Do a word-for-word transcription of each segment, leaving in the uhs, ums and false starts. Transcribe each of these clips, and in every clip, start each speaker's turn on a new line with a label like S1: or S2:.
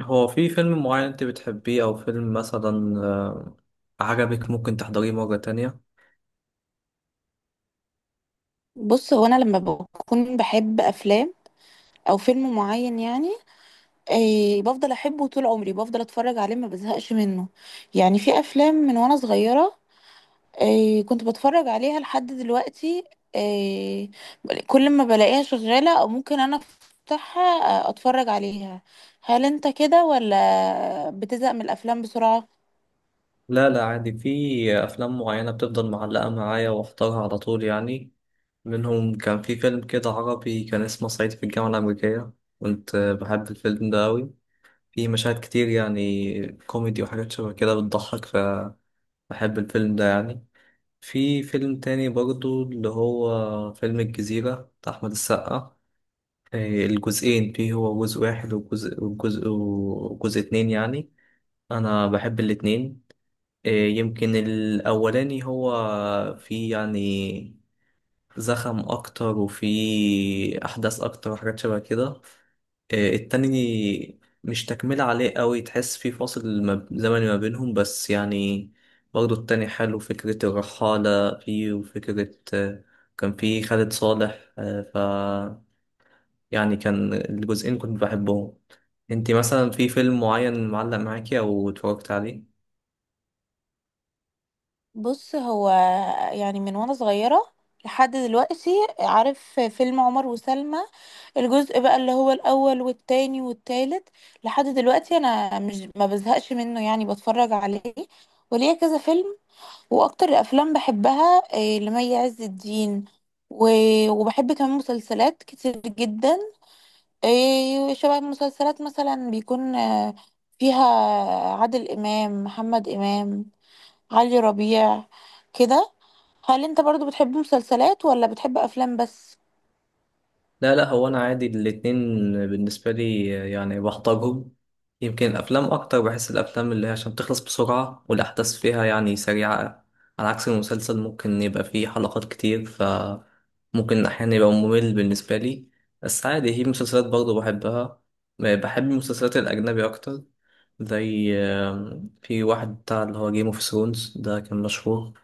S1: هو في فيلم معين انت بتحبيه او فيلم مثلا آه، عجبك ممكن تحضريه مرة تانية؟
S2: بص هو انا لما بكون بحب افلام او فيلم معين، يعني إيه، بفضل احبه طول عمري، بفضل اتفرج عليه ما بزهقش منه. يعني في افلام من وانا صغيرة، إيه، كنت بتفرج عليها لحد دلوقتي. إيه، كل ما بلاقيها شغالة او ممكن انا افتحها اتفرج عليها. هل انت كده ولا بتزهق من الافلام بسرعة؟
S1: لا لا، عادي. في افلام معينة بتفضل معلقة معايا واختارها على طول يعني. منهم كان في فيلم كده عربي كان اسمه صعيدي في الجامعة الأمريكية. كنت آه، بحب الفيلم ده أوي. في مشاهد كتير يعني كوميدي وحاجات شبه كده بتضحك، فبحب الفيلم ده يعني. في فيلم تاني برضو اللي هو فيلم الجزيرة بتاع أحمد السقا. إيه، الجزئين فيه، هو جزء واحد وجزء وجزء وجزء اتنين يعني. انا بحب الاتنين. إيه، يمكن الاولاني هو فيه يعني زخم اكتر وفيه احداث اكتر وحاجات شبه كده. إيه، التاني مش تكملة عليه قوي، تحس فيه فاصل ما- زمني ما بينهم بس يعني. برضه التاني حلو، فكرة الرحالة فيه وفكرة آه، كان فيه خالد صالح، آه، يعني كان الجزئين كنت بحبهم. انتي مثلا في فيلم معين معلق معاكي او اتفرجت عليه؟
S2: بص هو، يعني من وانا صغيرة لحد دلوقتي، عارف فيلم عمر وسلمى؟ الجزء بقى اللي هو الأول والتاني والتالت، لحد دلوقتي أنا مش ما بزهقش منه، يعني بتفرج عليه. وليا كذا فيلم. وأكتر الأفلام بحبها إيه، لمي عز الدين. و- وبحب كمان مسلسلات كتير جدا. إيه، شبه المسلسلات مثلا بيكون آه، فيها عادل إمام، محمد إمام، علي ربيع كده. هل انت برضو بتحب مسلسلات ولا بتحب افلام بس؟
S1: لا لا، هو انا عادي الاتنين بالنسبه لي يعني، بحتاجهم. يمكن الافلام اكتر، بحس الافلام اللي هي عشان بتخلص بسرعه والاحداث فيها يعني سريعه، على عكس المسلسل ممكن يبقى فيه حلقات كتير فممكن احيانا يبقى ممل بالنسبه لي. بس عادي، هي مسلسلات برضه بحبها. بحب المسلسلات الاجنبي اكتر، زي آم، في واحد بتاع اللي هو جيم اوف ثرونز ده كان مشهور.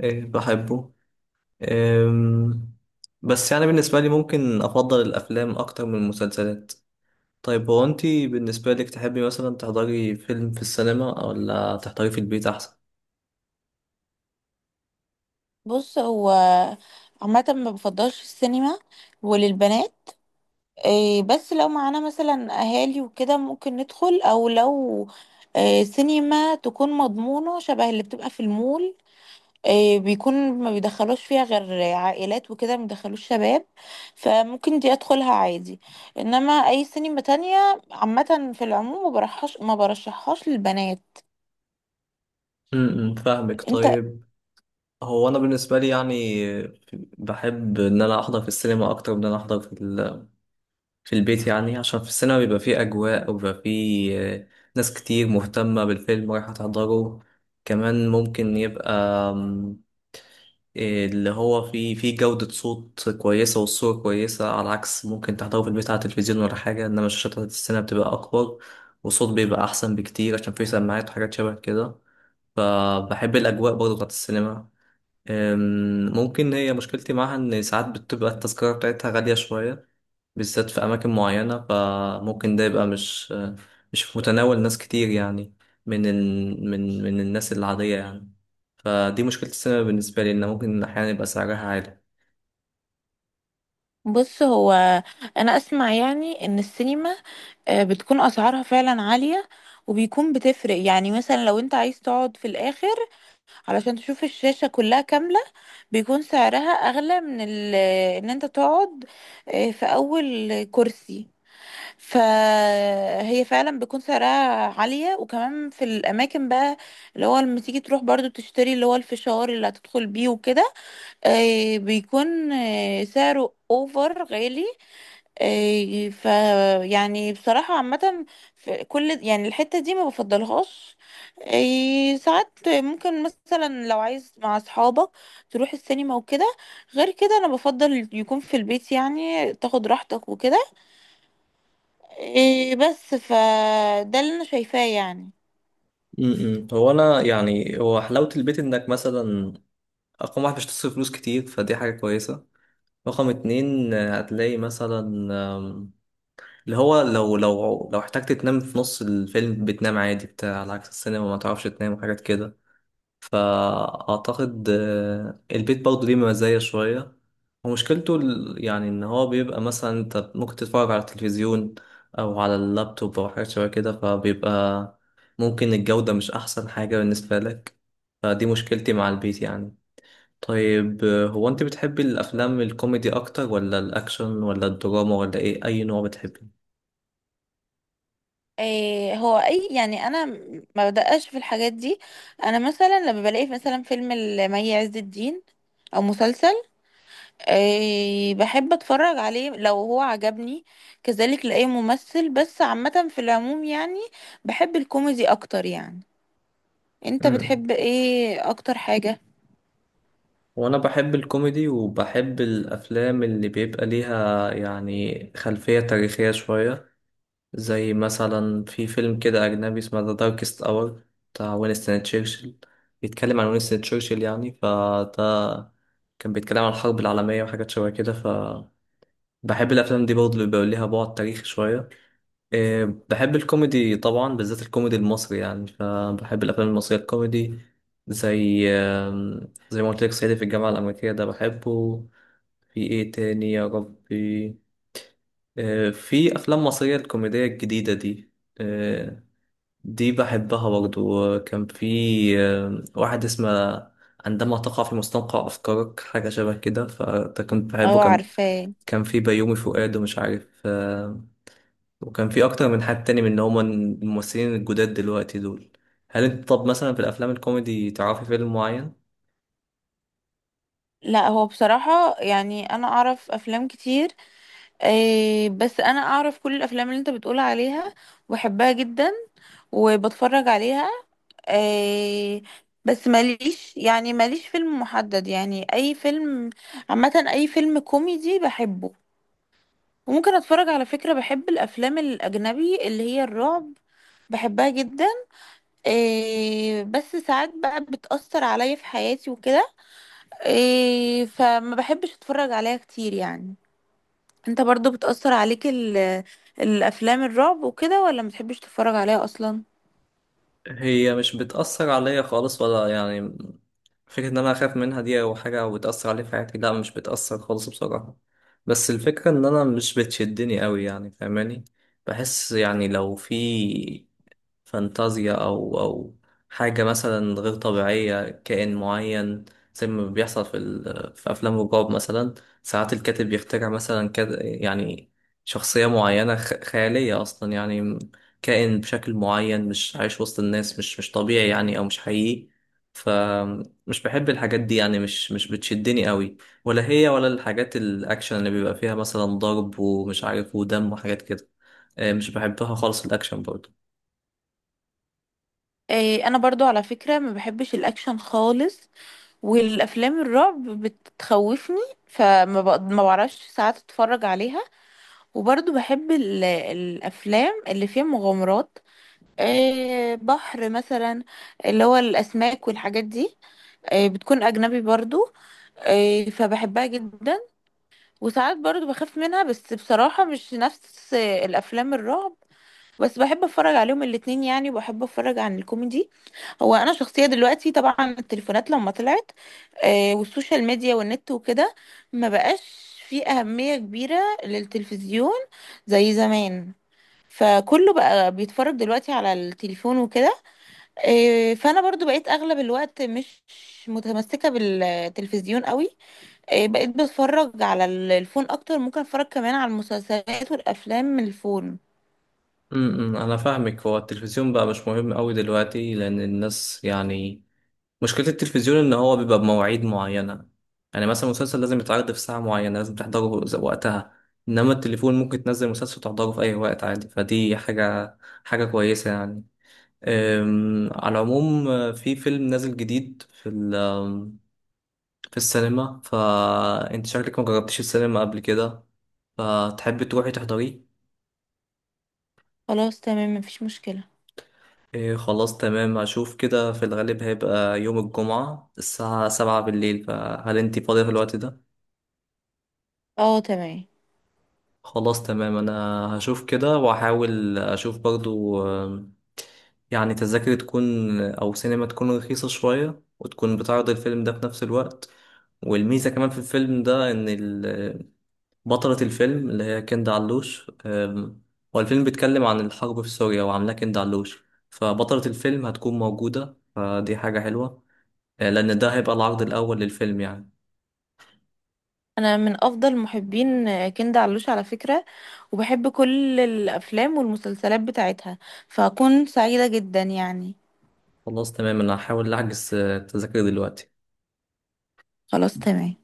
S1: آه، بحبه. أم، بس يعني بالنسبة لي ممكن أفضل الأفلام أكتر من المسلسلات. طيب هو أنتي بالنسبة لك تحبي مثلا تحضري فيلم في السينما ولا تحضري في البيت أحسن؟
S2: بص هو عامه ما بفضلش السينما وللبنات. إيه، بس لو معانا مثلا اهالي وكده ممكن ندخل، او لو إيه سينما تكون مضمونه شبه اللي بتبقى في المول، إيه بيكون ما بيدخلوش فيها غير عائلات وكده، ما بيدخلوش شباب، فممكن دي ادخلها عادي. انما اي سينما تانية عامه في العموم ما برحش ما برشحهاش للبنات.
S1: امم فاهمك.
S2: انت؟
S1: طيب، هو أنا بالنسبة لي يعني بحب إن أنا أحضر في السينما أكتر من إن أنا أحضر في, ال... في البيت يعني، عشان في السينما بيبقى فيه أجواء وبيبقى فيه آه، ناس كتير مهتمة بالفيلم رايحة تحضره. كمان ممكن يبقى اللي هو فيه فيه جودة صوت كويسة والصورة كويسة، على عكس ممكن تحضره في البيت على التلفزيون ولا حاجة، إنما الشاشات بتاعت السينما بتبقى أكبر والصوت بيبقى أحسن بكتير عشان فيه سماعات وحاجات شبه كده. فبحب الأجواء برضه بتاعت السينما. أم، ممكن هي مشكلتي معاها إن ساعات بتبقى التذكرة بتاعتها غالية شوية، بالذات في أماكن معينة، فممكن ده يبقى مش مش في متناول ناس كتير يعني، من ال... من من الناس العادية يعني. فدي مشكلة السينما بالنسبة لي، إن ممكن أحيانا يبقى سعرها عالي.
S2: بص هو انا اسمع يعني ان السينما آه، بتكون اسعارها فعلا عالية. وبيكون بتفرق، يعني مثلا لو انت عايز تقعد في الاخر علشان تشوف الشاشة كلها كاملة، بيكون سعرها اغلى من ال... ان انت تقعد آه، في اول كرسي. فهي فعلا بيكون سعرها عالية. وكمان في الاماكن بقى اللي هو لما تيجي تروح برضو تشتري اللي هو الفشار اللي هتدخل بيه وكده، آه، بيكون آه، سعره اوفر غالي. إيه ف يعني بصراحة عامة في كل يعني الحتة دي ما بفضلهاش. إيه ساعات ممكن مثلا لو عايز مع أصحابك تروح السينما وكده، غير كده أنا بفضل يكون في البيت، يعني تاخد راحتك وكده. إيه بس فده اللي أنا شايفاه يعني.
S1: م-م. هو أنا يعني هو حلاوة البيت إنك مثلا رقم واحد مش تصرف فلوس كتير، فدي حاجة كويسة. رقم اتنين، آه، هتلاقي مثلا آم، اللي هو لو لو لو احتجت تنام في نص الفيلم بتنام عادي بتاع، على عكس السينما ما تعرفش تنام وحاجات كده. فأعتقد آه، البيت برضه ليه مزايا شوية. ومشكلته ال- يعني إن هو بيبقى مثلا أنت ممكن تتفرج على التلفزيون أو على اللابتوب أو حاجات شبه كده، فبيبقى ممكن الجودة مش أحسن حاجة بالنسبة لك. فدي مشكلتي مع البيت يعني. طيب آه، هو أنت بتحبي الأفلام الكوميدي أكتر ولا الأكشن ولا الدراما ولا إيه؟ أي نوع بتحبي؟
S2: إيه هو أي يعني أنا ما بدققش في الحاجات دي. أنا مثلا لما بلاقي مثلا فيلم لمي عز الدين أو مسلسل، أي بحب اتفرج عليه لو هو عجبني. كذلك لأي ممثل. بس عامة في العموم يعني بحب الكوميدي اكتر يعني. انت بتحب ايه اكتر حاجة؟
S1: وانا بحب الكوميدي، وبحب الافلام اللي بيبقى ليها يعني خلفية تاريخية شوية، زي مثلا في فيلم كده اجنبي اسمه ذا داركست اور بتاع وينستون تشرشل، بيتكلم عن وينستون تشرشل يعني. فده كان بيتكلم عن الحرب العالمية وحاجات شبه كده، فبحب الافلام دي برضه اللي بيبقى ليها بعد تاريخي شوية. إيه، بحب الكوميدي طبعا، بالذات الكوميدي المصري يعني، فبحب الافلام المصريه الكوميدي. زي آم، زي ما قلت لك صعيدي في الجامعه الامريكيه ده بحبه. في ايه تاني يا ربي؟ إيه، في افلام مصريه الكوميديه الجديده دي. إيه، دي بحبها برضو. كان في آم، واحد اسمه عندما تقع في مستنقع افكارك، حاجه شبه كده، فده كنت بحبه.
S2: او
S1: كان
S2: عارفاه.
S1: كان في بيومي فؤاد ومش عارف، آه، وكان في اكتر من حد تاني من اللي هما الممثلين الجداد دلوقتي دول. هل انت طب مثلا في الافلام الكوميدي تعرفي فيلم معين؟
S2: لا هو بصراحة يعني انا اعرف افلام كتير. أي، بس انا اعرف كل الافلام اللي انت بتقول عليها وبحبها جدا وبتفرج عليها. أي، بس ماليش يعني ماليش فيلم محدد، يعني اي فيلم، عامة اي فيلم كوميدي بحبه. وممكن اتفرج على فكرة بحب الافلام الاجنبي اللي هي الرعب، بحبها جدا. إيه بس ساعات بقى بتأثر عليا في حياتي وكده. إيه، فما بحبش اتفرج عليها كتير يعني. انت برضو بتأثر عليك ال- الافلام الرعب وكده ولا ما بتحبش تتفرج عليها اصلا؟
S1: هي مش بتأثر عليا خالص ولا يعني فكرة إن أنا أخاف منها دي أو حاجة أو بتأثر عليا في حياتي، لا مش بتأثر خالص بصراحة. بس الفكرة إن أنا مش بتشدني أوي يعني، فاهماني؟ بحس يعني لو في فانتازيا أو أو حاجة مثلا غير طبيعية، كائن معين، زي ما بيحصل في ال... في أفلام الرعب مثلا. ساعات الكاتب بيخترع مثلا كد... يعني شخصية معينة خ... خيالية أصلا يعني، م- كائن بشكل معين مش عايش وسط الناس، مش مش طبيعي يعني، أو مش حقيقي. فمش بحب الحاجات دي يعني، مش مش بتشدني قوي. ولا هي، ولا الحاجات الأكشن اللي بيبقى فيها مثلا ضرب ومش عارف ودم وحاجات كده. آه، مش بحبها خالص الأكشن برضه.
S2: إيه انا برضو على فكرة ما بحبش الاكشن خالص. والافلام الرعب بتخوفني، فما بق- ما بعرفش ساعات اتفرج عليها. وبرضه بحب ال- الافلام اللي فيها مغامرات، آه، بحر مثلا، اللي هو الاسماك والحاجات دي. آه، بتكون اجنبي برضه. آه، فبحبها جدا. وساعات برضه بخاف منها بس بصراحة مش نفس الافلام الرعب. بس بحب اتفرج عليهم الاتنين يعني، وبحب اتفرج عن الكوميدي. هو انا شخصية دلوقتي طبعا التليفونات لما طلعت، آه، والسوشيال ميديا والنت وكده ما بقاش في أهمية كبيرة للتلفزيون زي زمان. فكله بقى بيتفرج دلوقتي على التليفون وكده. إيه، فانا برضو بقيت اغلب الوقت مش متمسكة بالتلفزيون قوي. إيه، بقيت بتفرج على ال- الفون اكتر. ممكن اتفرج كمان على المسلسلات والافلام من الفون.
S1: امم انا فاهمك. هو التلفزيون بقى مش مهم قوي دلوقتي، لان الناس يعني مشكلة التلفزيون ان هو بيبقى بمواعيد معينة. يعني مثلا مسلسل لازم يتعرض في ساعة معينة، لازم تحضره ز- وقتها. انما التليفون ممكن تنزل مسلسل تحضره في اي وقت عادي، فدي حاجة حاجة كويسة يعني. أم، على العموم آه، في فيلم نازل جديد في ال- آم، في السينما. فانت شكلك ما جربتش السينما قبل كده، فتحبي تروحي تحضريه.
S2: خلاص تمام، مفيش مشكلة.
S1: إيه خلاص تمام، هشوف كده في الغالب هيبقى يوم الجمعة الساعة سبعة بالليل، فهل انتي فاضية في الوقت ده؟
S2: اه تمام.
S1: خلاص تمام. أنا هشوف كده وأحاول أشوف برضو آم، يعني تذاكر تكون أو سينما تكون رخيصة شوية وتكون بتعرض الفيلم ده في نفس الوقت. والميزة كمان في الفيلم ده إن ال- بطلة الفيلم اللي هي كندا علوش. آم، هو الفيلم بيتكلم عن الحرب في سوريا وعاملاه كندا علوش، فبطلة الفيلم هتكون موجودة فدي حاجة حلوة. آه، لأن ده هيبقى العرض الأول للفيلم يعني.
S2: انا من افضل محبين كندا علوش على فكرة، وبحب كل الافلام والمسلسلات بتاعتها. فاكون سعيدة جدا يعني.
S1: خلاص تمام أنا هحاول أحجز آه، تذاكر دلوقتي.
S2: خلاص تمام.